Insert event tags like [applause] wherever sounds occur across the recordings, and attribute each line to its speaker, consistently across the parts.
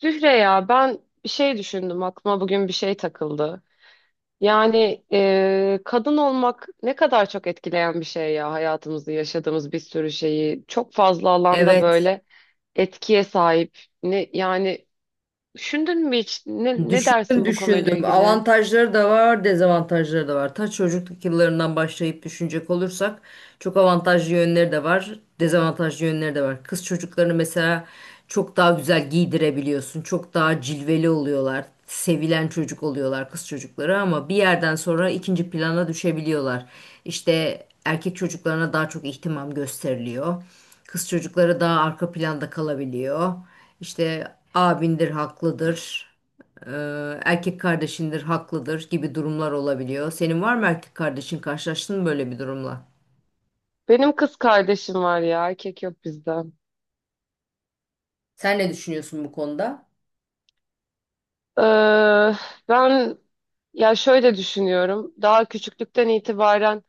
Speaker 1: Zühre, ya ben bir şey düşündüm, aklıma bugün bir şey takıldı. Yani kadın olmak ne kadar çok etkileyen bir şey ya, hayatımızı, yaşadığımız bir sürü şeyi çok fazla alanda
Speaker 2: Evet.
Speaker 1: böyle etkiye sahip. Yani düşündün mü hiç, ne
Speaker 2: Düşündüm
Speaker 1: dersin bu konuyla
Speaker 2: düşündüm.
Speaker 1: ilgili?
Speaker 2: Avantajları da var, dezavantajları da var. Ta çocukluk yıllarından başlayıp düşünecek olursak çok avantajlı yönleri de var, dezavantajlı yönleri de var. Kız çocuklarını mesela çok daha güzel giydirebiliyorsun. Çok daha cilveli oluyorlar. Sevilen çocuk oluyorlar kız çocukları ama bir yerden sonra ikinci plana düşebiliyorlar. İşte erkek çocuklarına daha çok ihtimam gösteriliyor. Kız çocukları daha arka planda kalabiliyor. İşte abindir, haklıdır. Erkek kardeşindir, haklıdır gibi durumlar olabiliyor. Senin var mı erkek kardeşin? Karşılaştın mı böyle bir durumla?
Speaker 1: Benim kız kardeşim var ya, erkek yok bizde.
Speaker 2: Sen ne düşünüyorsun bu konuda?
Speaker 1: Ee, ben ya şöyle düşünüyorum, daha küçüklükten itibaren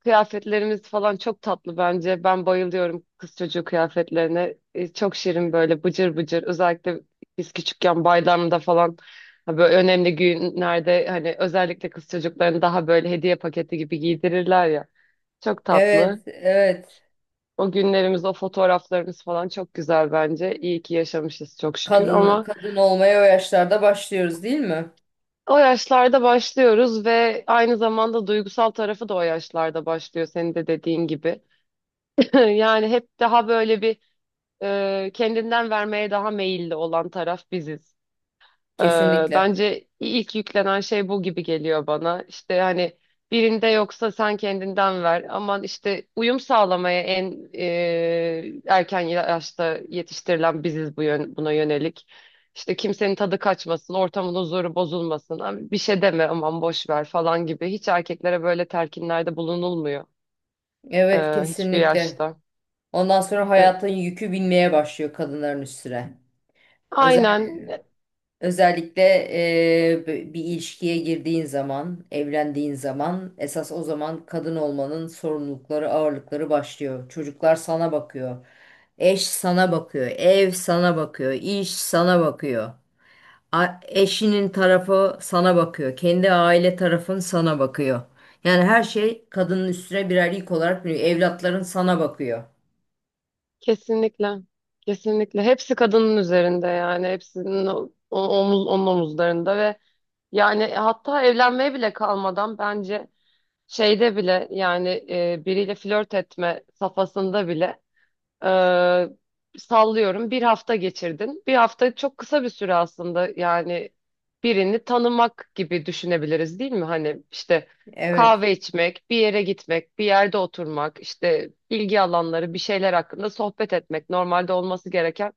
Speaker 1: kıyafetlerimiz falan çok tatlı bence. Ben bayılıyorum kız çocuğu kıyafetlerine. Çok şirin, böyle bıcır bıcır. Özellikle biz küçükken bayramda falan, ha, böyle önemli günlerde, hani özellikle kız çocuklarını daha böyle hediye paketi gibi giydirirler ya. Çok
Speaker 2: Evet,
Speaker 1: tatlı.
Speaker 2: evet.
Speaker 1: O günlerimiz, o fotoğraflarımız falan çok güzel bence. İyi ki yaşamışız, çok şükür,
Speaker 2: Kadın
Speaker 1: ama
Speaker 2: kadın olmaya o yaşlarda başlıyoruz değil mi?
Speaker 1: o yaşlarda başlıyoruz ve aynı zamanda duygusal tarafı da o yaşlarda başlıyor, senin de dediğin gibi. [laughs] Yani hep daha böyle bir, kendinden vermeye daha meyilli olan taraf biziz. E,
Speaker 2: Kesinlikle.
Speaker 1: Bence ilk yüklenen şey bu gibi geliyor bana. İşte hani, birinde yoksa sen kendinden ver. Aman, işte uyum sağlamaya en erken yaşta yetiştirilen biziz bu yön, buna yönelik. İşte kimsenin tadı kaçmasın, ortamın huzuru bozulmasın. Abi, bir şey deme, aman boş ver falan gibi. Hiç erkeklere böyle telkinlerde bulunulmuyor
Speaker 2: Evet,
Speaker 1: hiçbir
Speaker 2: kesinlikle.
Speaker 1: yaşta.
Speaker 2: Ondan sonra
Speaker 1: E,
Speaker 2: hayatın yükü binmeye başlıyor kadınların üstüne. Özel
Speaker 1: Aynen.
Speaker 2: Özellikle e, bir ilişkiye girdiğin zaman, evlendiğin zaman esas o zaman kadın olmanın sorumlulukları, ağırlıkları başlıyor. Çocuklar sana bakıyor. Eş sana bakıyor. Ev sana bakıyor. İş sana bakıyor. Eşinin tarafı sana bakıyor. Kendi aile tarafın sana bakıyor. Yani her şey kadının üstüne birer yük olarak biniyor. Evlatların sana bakıyor.
Speaker 1: Kesinlikle. Kesinlikle. Hepsi kadının üzerinde yani. Hepsinin onun omuzlarında, ve yani hatta evlenmeye bile kalmadan bence, şeyde bile yani, biriyle flört etme safhasında bile, ee, sallıyorum bir hafta geçirdin. Bir hafta çok kısa bir süre aslında yani, birini tanımak gibi düşünebiliriz değil mi? Hani işte
Speaker 2: Evet,
Speaker 1: kahve içmek, bir yere gitmek, bir yerde oturmak, işte ilgi alanları, bir şeyler hakkında sohbet etmek, normalde olması gereken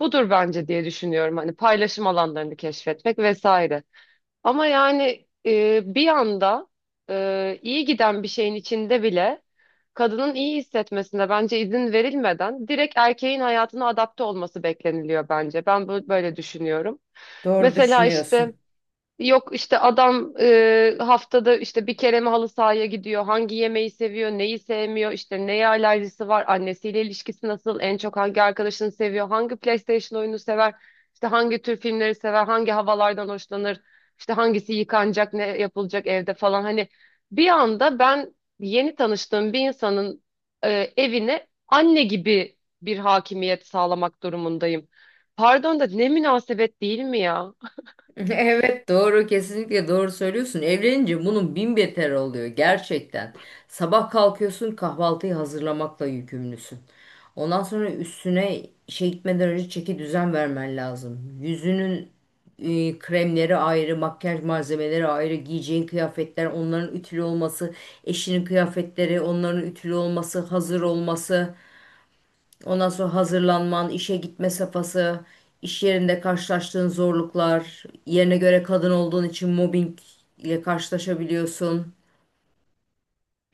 Speaker 1: budur bence, diye düşünüyorum. Hani paylaşım alanlarını keşfetmek vesaire. Ama yani bir anda, iyi giden bir şeyin içinde bile kadının iyi hissetmesine bence izin verilmeden direkt erkeğin hayatına adapte olması bekleniliyor bence. Ben böyle düşünüyorum.
Speaker 2: doğru
Speaker 1: Mesela işte,
Speaker 2: düşünüyorsun.
Speaker 1: yok işte adam haftada işte bir kere mi halı sahaya gidiyor, hangi yemeği seviyor, neyi sevmiyor, işte neye alerjisi var, annesiyle ilişkisi nasıl, en çok hangi arkadaşını seviyor, hangi PlayStation oyunu sever, işte hangi tür filmleri sever, hangi havalardan hoşlanır, işte hangisi yıkanacak, ne yapılacak evde falan. Hani bir anda ben yeni tanıştığım bir insanın evine anne gibi bir hakimiyet sağlamak durumundayım. Pardon da, ne münasebet, değil mi ya?
Speaker 2: [laughs] Evet, doğru, kesinlikle doğru söylüyorsun. Evlenince bunun bin beter oluyor gerçekten. Sabah kalkıyorsun kahvaltıyı hazırlamakla yükümlüsün. Ondan sonra üstüne işe gitmeden önce çeki düzen vermen lazım. Yüzünün kremleri ayrı, makyaj malzemeleri ayrı, giyeceğin kıyafetler, onların ütülü olması, eşinin kıyafetleri, onların ütülü olması, hazır olması. Ondan sonra hazırlanman, işe gitme safhası, iş yerinde karşılaştığın zorluklar, yerine göre kadın olduğun için mobbing ile karşılaşabiliyorsun.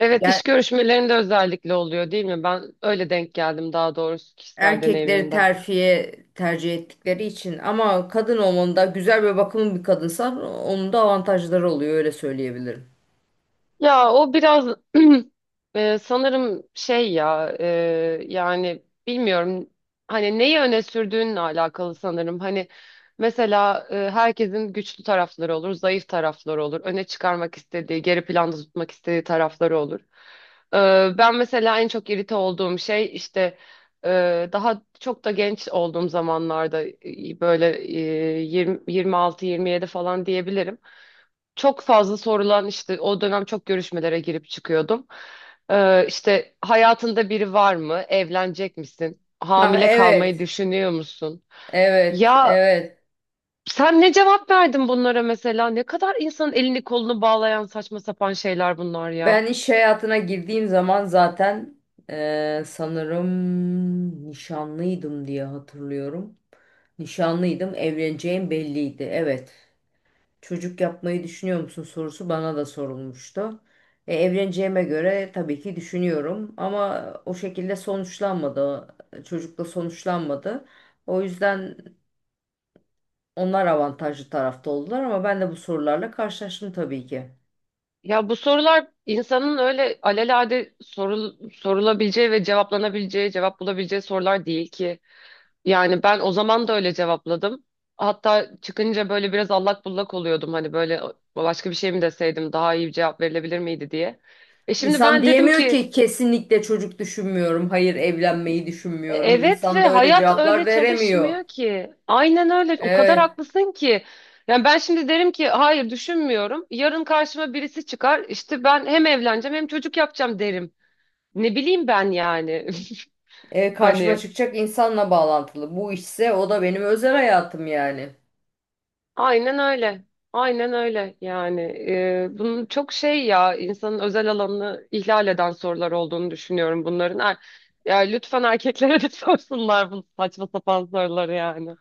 Speaker 1: Evet,
Speaker 2: Ger-
Speaker 1: iş görüşmelerinde özellikle oluyor değil mi? Ben öyle denk geldim, daha doğrusu kişisel
Speaker 2: Erkekleri
Speaker 1: deneyimimde.
Speaker 2: terfiye tercih ettikleri için ama kadın olmanın da güzel ve bakımlı bir kadınsan onun da avantajları oluyor öyle söyleyebilirim.
Speaker 1: Ya o biraz [clears throat] sanırım şey ya, yani bilmiyorum, hani neyi öne sürdüğünle alakalı sanırım. Hani mesela, herkesin güçlü tarafları olur, zayıf tarafları olur. Öne çıkarmak istediği, geri planda tutmak istediği tarafları olur. Ben mesela en çok irite olduğum şey işte, daha çok da genç olduğum zamanlarda, böyle, 20, 26-27 falan diyebilirim, çok fazla sorulan, işte o dönem çok görüşmelere girip çıkıyordum. İşte hayatında biri var mı? Evlenecek misin?
Speaker 2: Ah
Speaker 1: Hamile kalmayı
Speaker 2: evet,
Speaker 1: düşünüyor musun?
Speaker 2: evet,
Speaker 1: Ya
Speaker 2: evet.
Speaker 1: sen ne cevap verdin bunlara mesela? Ne kadar insanın elini kolunu bağlayan saçma sapan şeyler bunlar ya.
Speaker 2: Ben iş hayatına girdiğim zaman zaten sanırım nişanlıydım diye hatırlıyorum. Nişanlıydım, evleneceğim belliydi. Evet. Çocuk yapmayı düşünüyor musun sorusu bana da sorulmuştu. Evleneceğime göre tabii ki düşünüyorum ama o şekilde sonuçlanmadı. Çocukla sonuçlanmadı. O yüzden onlar avantajlı tarafta oldular ama ben de bu sorularla karşılaştım tabii ki.
Speaker 1: Ya bu sorular insanın öyle alelade sorulabileceği ve cevaplanabileceği, cevap bulabileceği sorular değil ki. Yani ben o zaman da öyle cevapladım. Hatta çıkınca böyle biraz allak bullak oluyordum. Hani böyle, başka bir şey mi deseydim daha iyi bir cevap verilebilir miydi diye. Şimdi
Speaker 2: İnsan
Speaker 1: ben dedim
Speaker 2: diyemiyor
Speaker 1: ki,
Speaker 2: ki kesinlikle çocuk düşünmüyorum, hayır evlenmeyi düşünmüyorum.
Speaker 1: Evet,
Speaker 2: İnsan
Speaker 1: ve
Speaker 2: da öyle
Speaker 1: hayat
Speaker 2: cevaplar
Speaker 1: öyle
Speaker 2: veremiyor.
Speaker 1: çalışmıyor ki." Aynen öyle. O kadar
Speaker 2: Evet.
Speaker 1: haklısın ki. Yani ben şimdi derim ki hayır düşünmüyorum. Yarın karşıma birisi çıkar, İşte ben hem evleneceğim hem çocuk yapacağım derim. Ne bileyim ben yani. [laughs]
Speaker 2: Karşıma
Speaker 1: Hani
Speaker 2: çıkacak insanla bağlantılı. Bu işse o da benim özel hayatım yani.
Speaker 1: aynen öyle. Aynen öyle yani. Bunun çok şey ya, insanın özel alanını ihlal eden sorular olduğunu düşünüyorum bunların. Ya lütfen erkeklere de [laughs] sorsunlar bu saçma sapan soruları yani.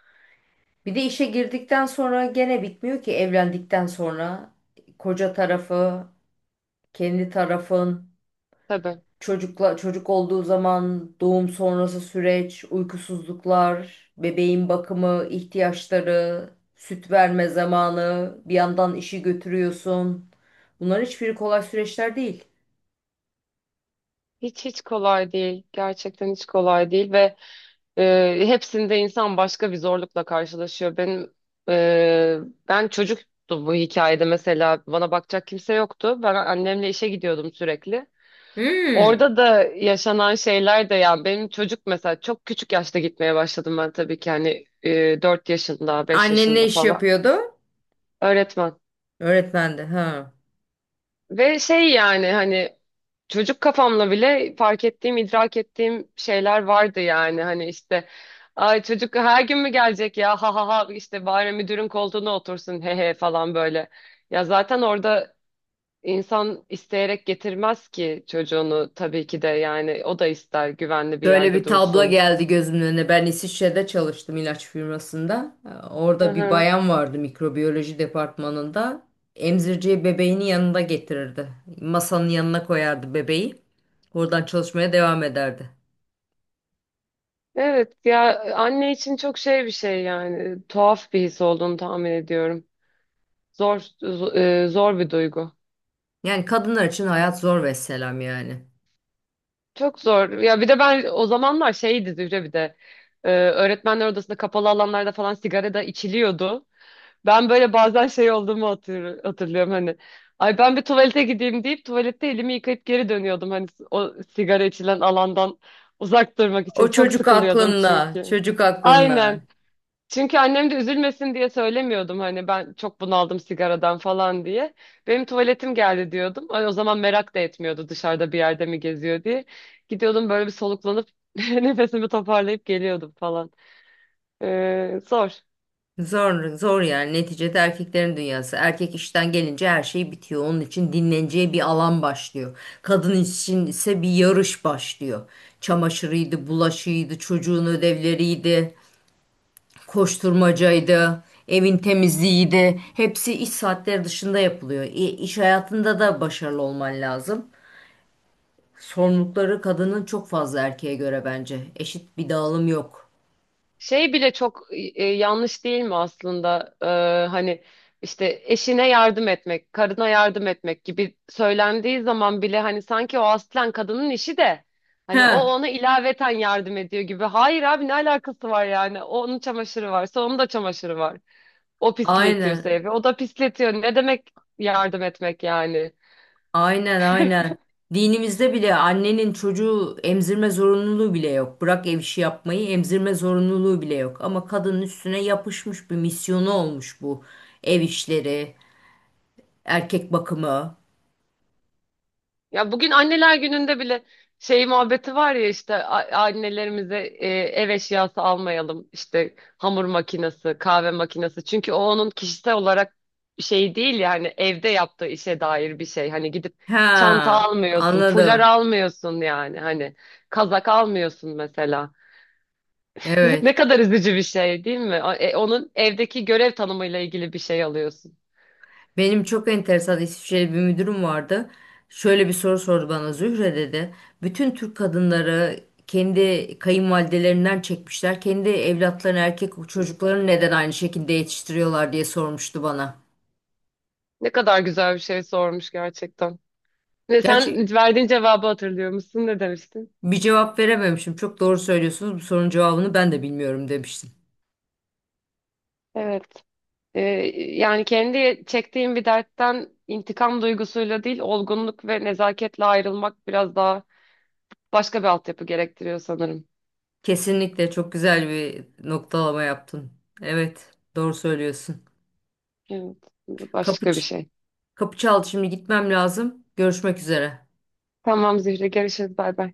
Speaker 2: Bir de işe girdikten sonra gene bitmiyor ki evlendikten sonra koca tarafı, kendi tarafın,
Speaker 1: Tabii.
Speaker 2: çocukla çocuk olduğu zaman doğum sonrası süreç, uykusuzluklar, bebeğin bakımı, ihtiyaçları, süt verme zamanı, bir yandan işi götürüyorsun. Bunların hiçbiri kolay süreçler değil.
Speaker 1: Hiç, hiç kolay değil. Gerçekten hiç kolay değil, ve hepsinde insan başka bir zorlukla karşılaşıyor. E, ben çocuktu bu hikayede mesela, bana bakacak kimse yoktu. Ben annemle işe gidiyordum sürekli.
Speaker 2: Hmm,
Speaker 1: Orada da yaşanan şeyler de, yani benim çocuk mesela, çok küçük yaşta gitmeye başladım ben, tabii ki hani 4 yaşında, 5
Speaker 2: annen ne
Speaker 1: yaşında
Speaker 2: iş
Speaker 1: falan.
Speaker 2: yapıyordu?
Speaker 1: Öğretmen.
Speaker 2: Öğretmendi. Ha.
Speaker 1: Ve şey yani, hani çocuk kafamla bile fark ettiğim, idrak ettiğim şeyler vardı, yani hani işte, ay çocuk her gün mü gelecek ya, ha ha ha, işte bari müdürün koltuğuna otursun, he he, falan böyle. Ya zaten orada insan isteyerek getirmez ki çocuğunu, tabii ki de, yani o da ister güvenli bir
Speaker 2: Şöyle
Speaker 1: yerde
Speaker 2: bir tablo
Speaker 1: dursun.
Speaker 2: geldi gözümün önüne. Ben İsviçre'de çalıştım ilaç firmasında.
Speaker 1: Hı
Speaker 2: Orada bir
Speaker 1: hı.
Speaker 2: bayan vardı mikrobiyoloji departmanında. Emzirciye bebeğini yanında getirirdi. Masanın yanına koyardı bebeği. Oradan çalışmaya devam ederdi.
Speaker 1: Evet ya, anne için çok şey bir şey yani, tuhaf bir his olduğunu tahmin ediyorum. Zor zo- zor bir duygu.
Speaker 2: Yani kadınlar için hayat zor vesselam yani.
Speaker 1: Çok zor. Ya bir de ben o zamanlar şeydi Zühre, bir de öğretmenler odasında, kapalı alanlarda falan sigara da içiliyordu. Ben böyle bazen şey olduğumu hatırlıyorum hani. Ay, ben bir tuvalete gideyim deyip tuvalette elimi yıkayıp geri dönüyordum, hani o sigara içilen alandan uzak durmak için.
Speaker 2: O
Speaker 1: Çok
Speaker 2: çocuk
Speaker 1: sıkılıyordum
Speaker 2: aklında,
Speaker 1: çünkü.
Speaker 2: çocuk aklında.
Speaker 1: Aynen. Çünkü annem de üzülmesin diye söylemiyordum, hani ben çok bunaldım sigaradan falan diye. Benim tuvaletim geldi diyordum. Ay, o zaman merak da etmiyordu, dışarıda bir yerde mi geziyor diye. Gidiyordum böyle bir, soluklanıp [laughs] nefesimi toparlayıp geliyordum falan. Zor.
Speaker 2: Zor, zor yani. Neticede erkeklerin dünyası. Erkek işten gelince her şey bitiyor. Onun için dinleneceği bir alan başlıyor. Kadın için ise bir yarış başlıyor. Çamaşırıydı, bulaşıydı, çocuğun ödevleriydi, koşturmacaydı, evin temizliğiydi. Hepsi iş saatleri dışında yapılıyor. İş hayatında da başarılı olman lazım. Sorumlulukları kadının çok fazla erkeğe göre bence. Eşit bir dağılım yok.
Speaker 1: Şey bile çok yanlış değil mi aslında? Hani işte eşine yardım etmek, karına yardım etmek gibi söylendiği zaman bile, hani sanki o aslen kadının işi de
Speaker 2: He,
Speaker 1: hani, o ona ilaveten yardım ediyor gibi. Hayır abi, ne alakası var yani? O, onun çamaşırı varsa, onun da çamaşırı var. O pisletiyorsa
Speaker 2: aynen.
Speaker 1: evi, o da pisletiyor. Ne demek yardım etmek yani?
Speaker 2: Aynen aynen. Dinimizde bile annenin çocuğu emzirme zorunluluğu bile yok. Bırak ev işi yapmayı, emzirme zorunluluğu bile yok. Ama kadının üstüne yapışmış bir misyonu olmuş bu. Ev işleri, erkek bakımı.
Speaker 1: Ya bugün anneler gününde bile şey muhabbeti var ya, işte annelerimize ev eşyası almayalım. İşte hamur makinesi, kahve makinesi. Çünkü o, onun kişisel olarak şey değil yani, evde yaptığı işe dair bir şey. Hani gidip çanta
Speaker 2: Ha,
Speaker 1: almıyorsun, fular
Speaker 2: anladım.
Speaker 1: almıyorsun, yani hani kazak almıyorsun mesela. [laughs]
Speaker 2: Evet.
Speaker 1: Ne kadar üzücü bir şey değil mi? Onun evdeki görev tanımıyla ilgili bir şey alıyorsun.
Speaker 2: Benim çok enteresan İsviçreli bir müdürüm vardı. Şöyle bir soru sordu bana, Zühre dedi. Bütün Türk kadınları kendi kayınvalidelerinden çekmişler. Kendi evlatlarını, erkek çocuklarını neden aynı şekilde yetiştiriyorlar diye sormuştu bana.
Speaker 1: Ne kadar güzel bir şey sormuş gerçekten. Ve
Speaker 2: Gerçi
Speaker 1: sen verdiğin cevabı hatırlıyor musun? Ne demiştin?
Speaker 2: bir cevap verememişim. Çok doğru söylüyorsunuz. Bu sorunun cevabını ben de bilmiyorum demiştim.
Speaker 1: Evet. Ee, Yani kendi çektiğim bir dertten intikam duygusuyla değil, olgunluk ve nezaketle ayrılmak biraz daha başka bir altyapı gerektiriyor sanırım.
Speaker 2: Kesinlikle çok güzel bir noktalama yaptın. Evet, doğru söylüyorsun.
Speaker 1: Evet,
Speaker 2: Kapı,
Speaker 1: başka bir
Speaker 2: ç-
Speaker 1: şey.
Speaker 2: Kapı çaldı, şimdi gitmem lazım. Görüşmek üzere.
Speaker 1: Tamam Zühre, görüşürüz. Bay bay.